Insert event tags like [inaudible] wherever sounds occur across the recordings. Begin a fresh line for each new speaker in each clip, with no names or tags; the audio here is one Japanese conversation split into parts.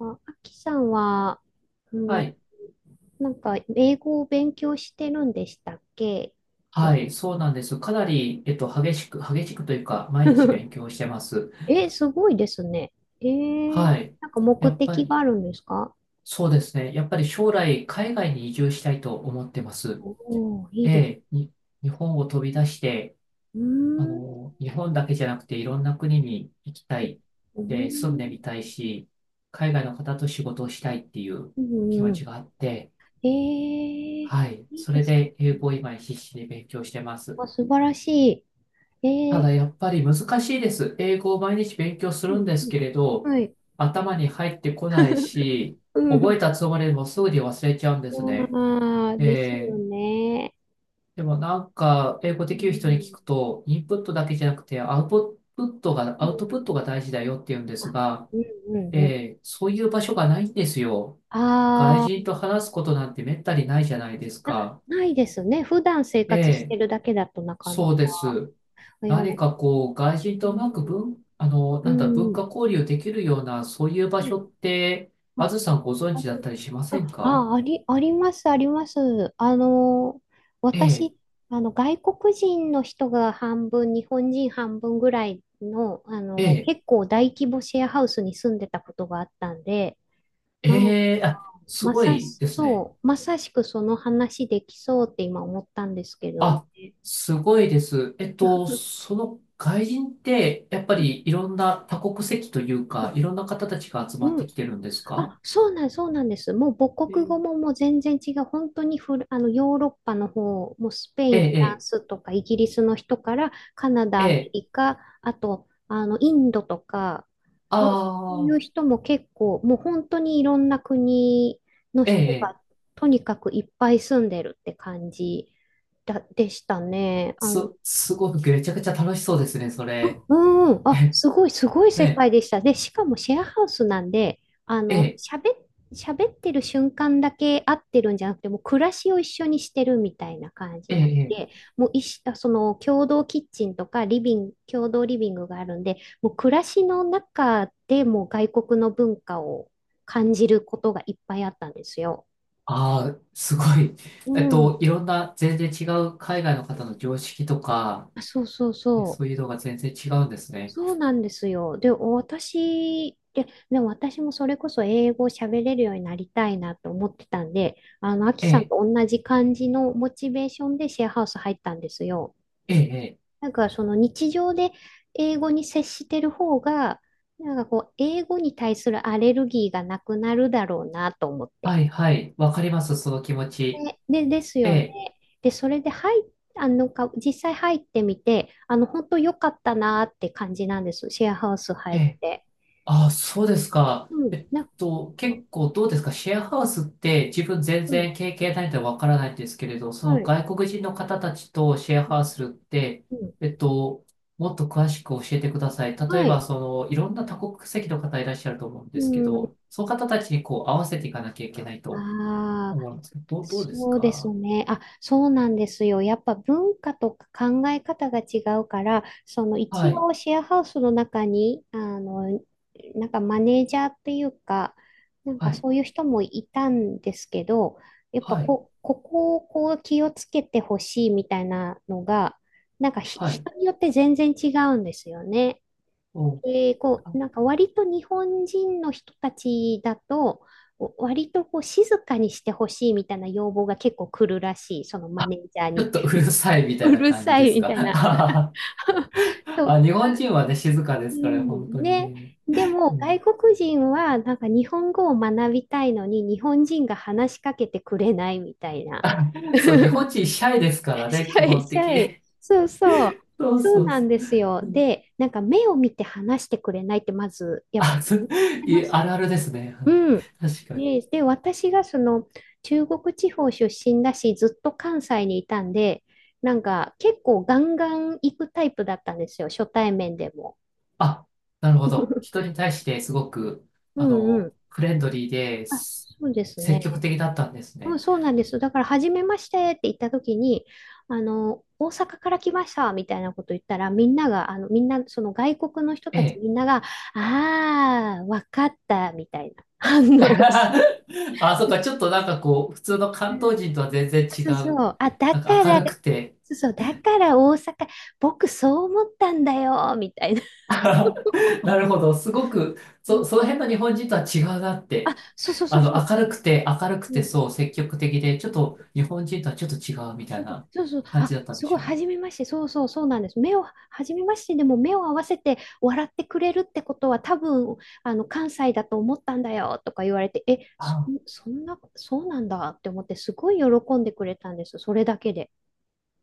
あ、あきさんは、あ
は
の、
い。
なんか、英語を勉強してるんでしたっけ？
はい。そうなんです。かなり、激しく、というか、毎日
[laughs]
勉強してます。
え、すごいですね。えー、
はい。
なんか
や
目
っぱ
的が
り、
あるんですか？
そうですね。やっぱり将来、海外に移住したいと思ってます。
おー、いい
え
です。
え、日本を飛び出して、
うー
あ
ん。う
の、日本だけじゃなくて、いろんな国に行きたい。
ー
で、住んで
ん。
みたいし、海外の方と仕事をしたいっていう
う
気
ん
持
う
ち
ん。
があって、はい。
いい
そ
で
れ
す。
で、英語を今必死で勉強してます。
あ、素晴らしい。
ただやっぱり難しいです。英語を毎日勉強す
う
る
ん
んです
うん。
けれど、
はい。
頭に入ってこないし、
[laughs] う
覚え
ん。
たつもりでもすぐに忘れちゃうんですね。
ああ、です
え
よ
ー
ね。
でもなんか、英語
う
できる人に聞
ん。
くと、インプットだけじゃなくて、
う
アウト
ん
プットが大事だよって言うんです
あ
が、
うんうんうん。
そういう場所がないんですよ。外
あ
人と
あ、
話すことなんてめったにないじゃないです
な、
か。
ないですね。普段生
え
活して
え、
るだけだとなかな
そうで
か。
す。
いや、う
何
ん、
かこう、外人とうまく文、あの、
う
なんだ、文
ん、
化交流できるような、そういう場
うん
所って、あ
あ、
ずさんご存
あ
知だっ
の
たりしません
あ、
か？
ああり、あります、あります。
ええ、
私、外国人の人が半分、日本人半分ぐらいの、
ええ、
結構大規模シェアハウスに住んでたことがあったんで、な
ええ、あ、す
ま
ご
さ
い
し、
ですね。
そう、まさしくその話できそうって今思ったんですけどね。
あ、すごいです。えっと、その外人って、やっぱ
う
りいろんな多国籍というか、い
ん。
ろんな方たちが集まっ
う
て
ん
きてるんですか？
あ、そうなん、そうなんです。もう母国語ももう全然違う。本当にフラ、あの、ヨーロッパの方、もうスペ
え
イン、
え、
フラン
え
スとかイギリスの人から、カナ
え、
ダ、
え
アメ
え、
リカ、あと、インドとか、なんかそうい
あ
う
あ、
人も結構、もう本当にいろんな国の
え
人
え、
が、とにかくいっぱい住んでるって感じでしたね。
す、すごくめちゃくちゃ楽しそうですね、それ。
うん、あ、
え、
すごい、すごい世
ね
界でした。で、しかもシェアハウスなんで、あ
え、
の、
ええ、
喋っ、喋ってる瞬間だけ会ってるんじゃなくて、もう暮らしを一緒にしてるみたいな感じ
え
になっ
え、
て
ええ、
もういし、あその共同キッチンとかリビング、共同リビングがあるんで、もう暮らしの中でもう外国の文化を感じることがいっぱいあったんですよ。
ああ、すごい。
う
[laughs] えっと、
ん。
いろんな全然違う海外の方の常識とか、
あそうそう
え
そ
そう
う。
いうのが全然違うんですね。
そうなんですよ。で、私、でも私もそれこそ英語を喋れるようになりたいなと思ってたんで、アキ
え
さん
え、
と同じ感じのモチベーションでシェアハウス入ったんですよ。
ええ、ええ、
なんかその日常で英語に接してる方が、なんかこう、英語に対するアレルギーがなくなるだろうなと思って。
はい、はい。わかります、その気持ち。
です
え
よね。
え、
で、それで入っあのか、実際入ってみて、本当良かったなって感じなんです。シェアハウス
え
入っ
え。
て。
あ、そうですか。
うん、
えっ
なんか、
と、
う
結構どうですか？シェアハウスって自分全
ん、
然経験ないのでわからないんですけれど、そ
は
の
い、
外国人の方たちとシェアハウスするって、
うん、
えっと、もっと詳しく教えてください。例
は
えば、
い、
その、いろんな多国籍の方いらっしゃると思うん
う
ですけ
ん、
ど、その方たちにこう合わせていかなきゃいけないと
ああ、
思うんですけど、どうです
そうです
か？
ね。あ、そうなんですよ。やっぱ文化とか考え方が違うから、その一
はい、
応シェアハウスの中に、なんかマネージャーっていうか、なんか
はい、
そういう人もいたんですけど、やっぱ
はい、
こ、ここをこう気をつけてほしいみたいなのが、なんかひ
はい。
人によって全然違うんですよね。
お、
で、こう、なんか割と日本人の人たちだと、割とこう静かにしてほしいみたいな要望が結構来るらしい、その
あ、
マネージャー
ちょっ
に。
とうるさいみ
[laughs]
たい
う
な
る
感じ
さ
で
い
す
み
か？
たい
は
な。
は [laughs]
[laughs] と、
あ、日本人はね、静かで
う
すから、本
ん、
当に
ね。
ね。
で
う
も外
ん。
国人はなんか日本語を学びたいのに日本人が話しかけてくれないみたいな。
あ、そう、日本
[laughs] シ
人シャイですからね、基
ャイ
本
シ
的
ャイ。
に。
そうそう。
[laughs] そう
そう
そう
な
そ
んで
う。
すよ。
うん、
で、なんか目を見て話してくれないってまずやっぱ
あ、そ
言
う、
ってま
い
し
ある
た。
あるですね。あの
うん。
確かに。
私がその中国地方出身だし、ずっと関西にいたんで、なんか結構ガンガン行くタイプだったんですよ、初対面でも。
あ、なるほど。人に対してすごく、
う
あ
んうん。
の、フレンドリーで
あ、
す、
そうです
積極
ね。
的だったんです
うん、
ね。
そうなんです。だから、初めましてって言った時に、大阪から来ましたみたいなこと言ったら、みんなが、みんな、その外国の人
え
たち
え。
みんなが、ああ、わかったみたいな反応をし [laughs] て。
[laughs] あ、そっか、ちょっとなんかこう、普通の関東人とは全然違
そうそ
う。
う。あ、だ
なんか
から、
明る
そ
くて、
うそう。だから大阪、僕そう思ったんだよ、みたいな。
[laughs] なるほど。すごく、
うん
その辺の日本人とは違うなっ
あ、
て。
そうそうそ
あ
う
の、
そ
明るく
う。う
て、
ん。
そう、積極的で、ちょっと日本人とはちょっと違うみた
そ
い
うそう
な
そうそう。
感
あ、
じだったん
す
で
ご
し
い、
ょう
は
ね。
じめまして。そうそう、そうなんです。目を、はじめまして。でも目を合わせて笑ってくれるってことは多分、関西だと思ったんだよ、とか言われて、え、
あ、
そんな、そうなんだって思って、すごい喜んでくれたんです。それだけで。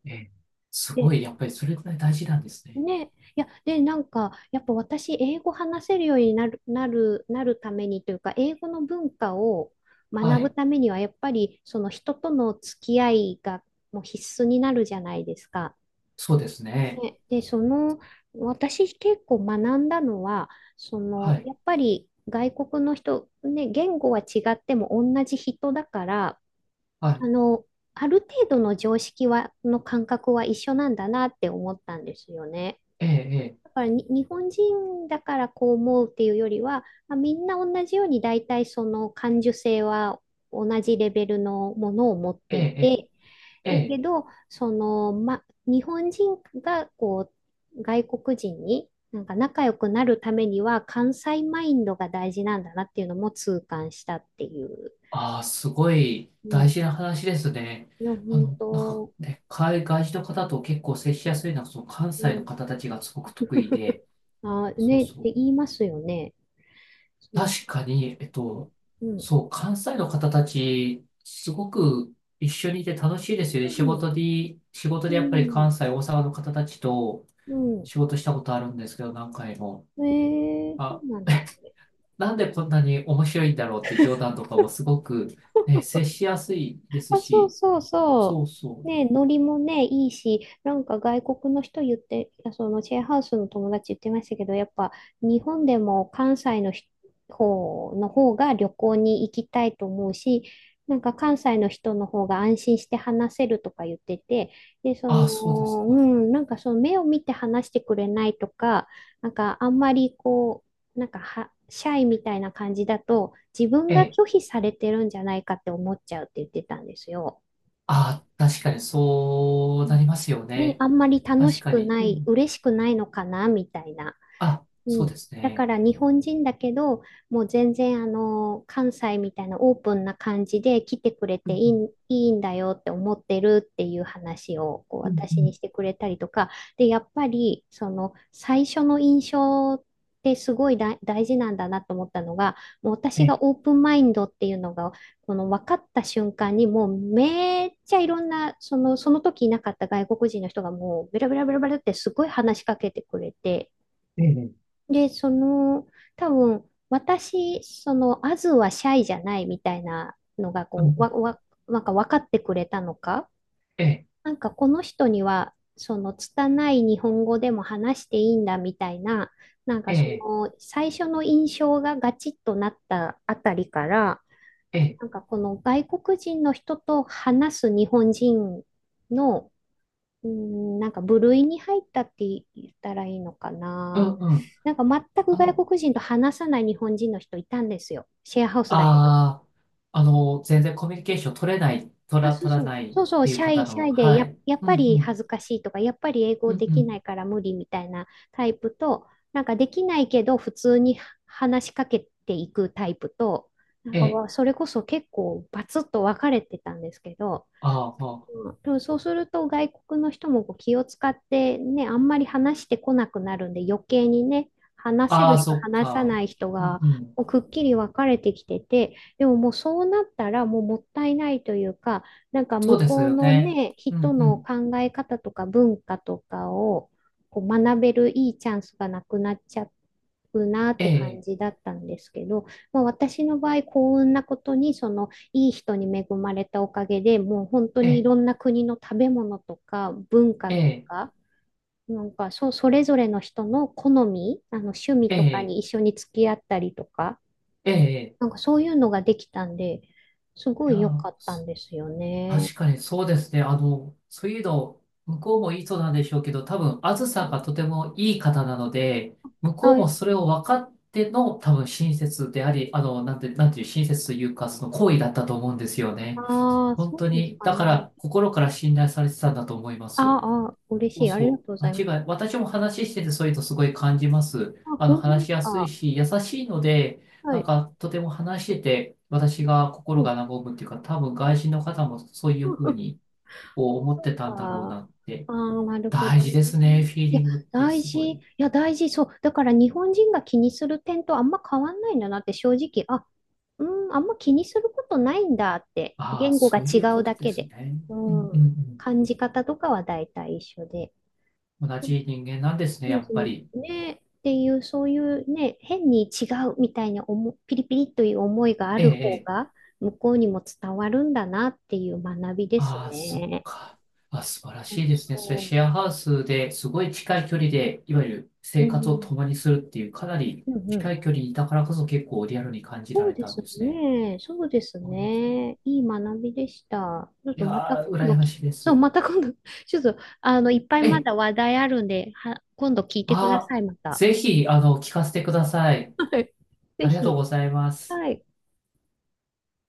ええ、すご
で
い、やっぱりそれくらい大事なんですね。
ね、いや、で、なんか、やっぱ私、英語話せるようになるためにというか、英語の文化を
は
学ぶ
い。
ためには、やっぱり、その人との付き合いがもう必須になるじゃないですか。
そうですね。
ね、で、その、私結構学んだのは、そ
は
の、
い。
やっぱり外国の人、ね、言語は違っても同じ人だから、
は
あ
い。
の、ある程度の常識は、の感覚は一緒なんだなって思ったんですよね。
ええ、
だからに日本人だからこう思うっていうよりは、まあ、みんな同じように大体その感受性は同じレベルのものを持って
え
い
え、
て、
ええ、ええ。
だけ
ええ、
ど、その、ま、日本人がこう外国人になんか仲良くなるためには関西マインドが大事なんだなっていうのも痛感したっていう。
ああ、すごい
う
大
ん。
事な話ですね。
いや、
あ
本
の、なんか
当、
ね、海外人の方と結構接しやすいのは、その関
う
西の
ん。
方たちがすごく得意で、
あ、
そう
ね、っ
そう。
て言いますよね。そう
確かに、えっ
そ
と、
う。うん。
そう、関西の方たち、すごく一緒にいて楽しいですよ
う
ね。
ん。
仕事
う
でやっぱり
ん。
関西、大阪の方たちと
うん。
仕事したことあるんですけど、何回も。
ええ、そ
あ、
うなんですね。
なんでこんなに面白いんだろうって冗談とかもす
[laughs]
ごく、ね、接しやすいです
あ、そう
し、
そうそ
そうそ
う。
う。
ね、ノリもね、いいし、なんか外国の人言って、そのシェアハウスの友達言ってましたけど、やっぱ日本でも関西の人方の方が旅行に行きたいと思うし、なんか関西の人の方が安心して話せるとか言ってて、で、そ
あ、そうです
の、う
か。
ん、なんかその目を見て話してくれないとか、なんかあんまりこう、なんかは、シャイみたいな感じだと、自分
え
が
え。
拒否されてるんじゃないかって思っちゃうって言ってたんですよ。
あ、確かにそ
う
うな
ん
りますよ
ね、
ね。
あんまり楽
確
し
か
く
に。
な
う
い、
ん。
嬉しくないのかなみたいな。
あ、
う
そうで
ん、
す
だか
ね。
ら日本人だけど、もう全然あの関西みたいなオープンな感じで来てくれ
う
て
んうん
いいんだよって思ってるっていう話をこう
うんう
私に
ん。
してくれたりとか、で、やっぱりその最初の印象ってすごい大事なんだなと思ったのが、もう
え
私
え、
がオープンマインドっていうのがこの分かった瞬間にもうめっちゃいろんなその時いなかった外国人の人がもうベラベラベラベラってすごい話しかけてくれて。
ええ、
で、その、多分、私、その、アズはシャイじゃないみたいなのが、
う
こう、
ん、
なんか分かってくれたのか、
ええ、
なんかこの人には、その、拙い日本語でも話していいんだみたいな、なん
え
かそ
え、
の、最初の印象がガチッとなったあたりから、
ええ、
なんかこの外国人の人と話す日本人のうん、なんか部類に入ったって言ったらいいのか
うん、
な。
うん。
なんか全く
あ
外
の、
国人と話さない日本人の人いたんですよ。シェアハウスだけど。
ああ、あの、全然コミュニケーション取れない、
あ、そう
取ら
そう。
ないっ
そうそう、
ていう方
シャ
の、
イで
はい。
やっ
うん、
ぱ
う
り
ん、
恥ずかしいとか、やっぱり英語
うん、
で
う
きな
ん。
いから無理みたいなタイプと、なんかできないけど普通に話しかけていくタイプと、なん
え
か
え、
わそれこそ結構バツッと分かれてたんですけど、
あーま
うんでもそうすると外国の人もこう気を使ってね、あんまり話してこなくなるんで余計にね、話
あ、あ
せ
あ、あ
る
あ
人、
そっ
話さ
か。
ない人
うん、
が
うん。
こうくっきり分かれてきてて、でももうそうなったらもうもったいないというか、なんか
そ
向
うです
こう
よ
の
ね。
ね、
う
人
ん、う
の
ん。
考え方とか文化とかをこう学べるいいチャンスがなくなっちゃうなっ
え
て感
え、
じだったんですけど、まあ、私の場合幸運なことにそのいい人に恵まれたおかげで、もう本当
え
にい
え、
ろんな国の食べ物とか文化
え
と
え、
か、なんかそれぞれの人の好み、趣味
え
とか
え、
に一緒に付き合ったりとか、
ええ。
なんかそういうのができたんで、すご
いや
い良
ー、
かったんですよね。
確かにそうですね。あの、そういうの、向こうもいい人なんでしょうけど、多分、あずさがとてもいい方なので、向こうも
あ、
それを分かっての、多分、親切であり、なんていう、親切というか、その行為だったと思うんですよね。
ああ、
本
そ
当
うです
に、
か
だか
ね。
ら、心から信頼されてたんだと思いま
あ
す。
ーあー、嬉
そ
し
う
い。あり
そ
がとうご
う、
ざ
間
います。
違い、私も話してて、そういうのすごい感じます。
あ、
あの、
本当で
話
す
しやすい
か。
し、優しいので、
は
なん
い。
か、とても話してて、私が心
うん。
が和むっていうか、多分、外人の方もそういうふう
[laughs]
に、こう思っ
そう
て
か。
たんだろう
あ
なって。
あ、なるほ
大
どね。
事ですね、フィーリングって
大
すご
事。
い。
いや、大事。そう。だから日本人が気にする点とあんま変わんないんだなって正直、あ、うん、あんま気にすることないんだって、
ああ、
言語が
そう
違
いうこ
う
と
だ
で
け
す
で。
ね。
う
うんう
ん。
ん
感じ方とかは大体一緒で。
うん。同じ人間なんですね、
うんう
やっぱり。
んねっていう、そういうね、変に違うみたいなピリピリという思いがあ
ええ、
る
え
方
え。
が、向こうにも伝わるんだなっていう学びです
ああ、そっ
ね。
か。あ、素晴ら
そ
し
う
いですね。それ
そ
シェアハウスですごい近い距離で、いわゆる
う。
生
う
活を
ん。
共にするっていう、かなり
うんうん。
近い距離だからこそ結構リアルに感じら
そう
れ
で
たん
す
ですね。
ね。そうです
あーそう、
ね。いい学びでした。ちょっ
い
とまた
やー、
今度
羨ま
き、
しいで
そう、
す。
また今度、[laughs] ちょっと、いっぱい
え
ま
え、
だ話題あるんで、今度聞いてくだ
あ
さ
あ、
い、また。
ぜひ、あの、聞かせてください。
はい。ぜ
ありがとう
ひ。
ございます。
はい。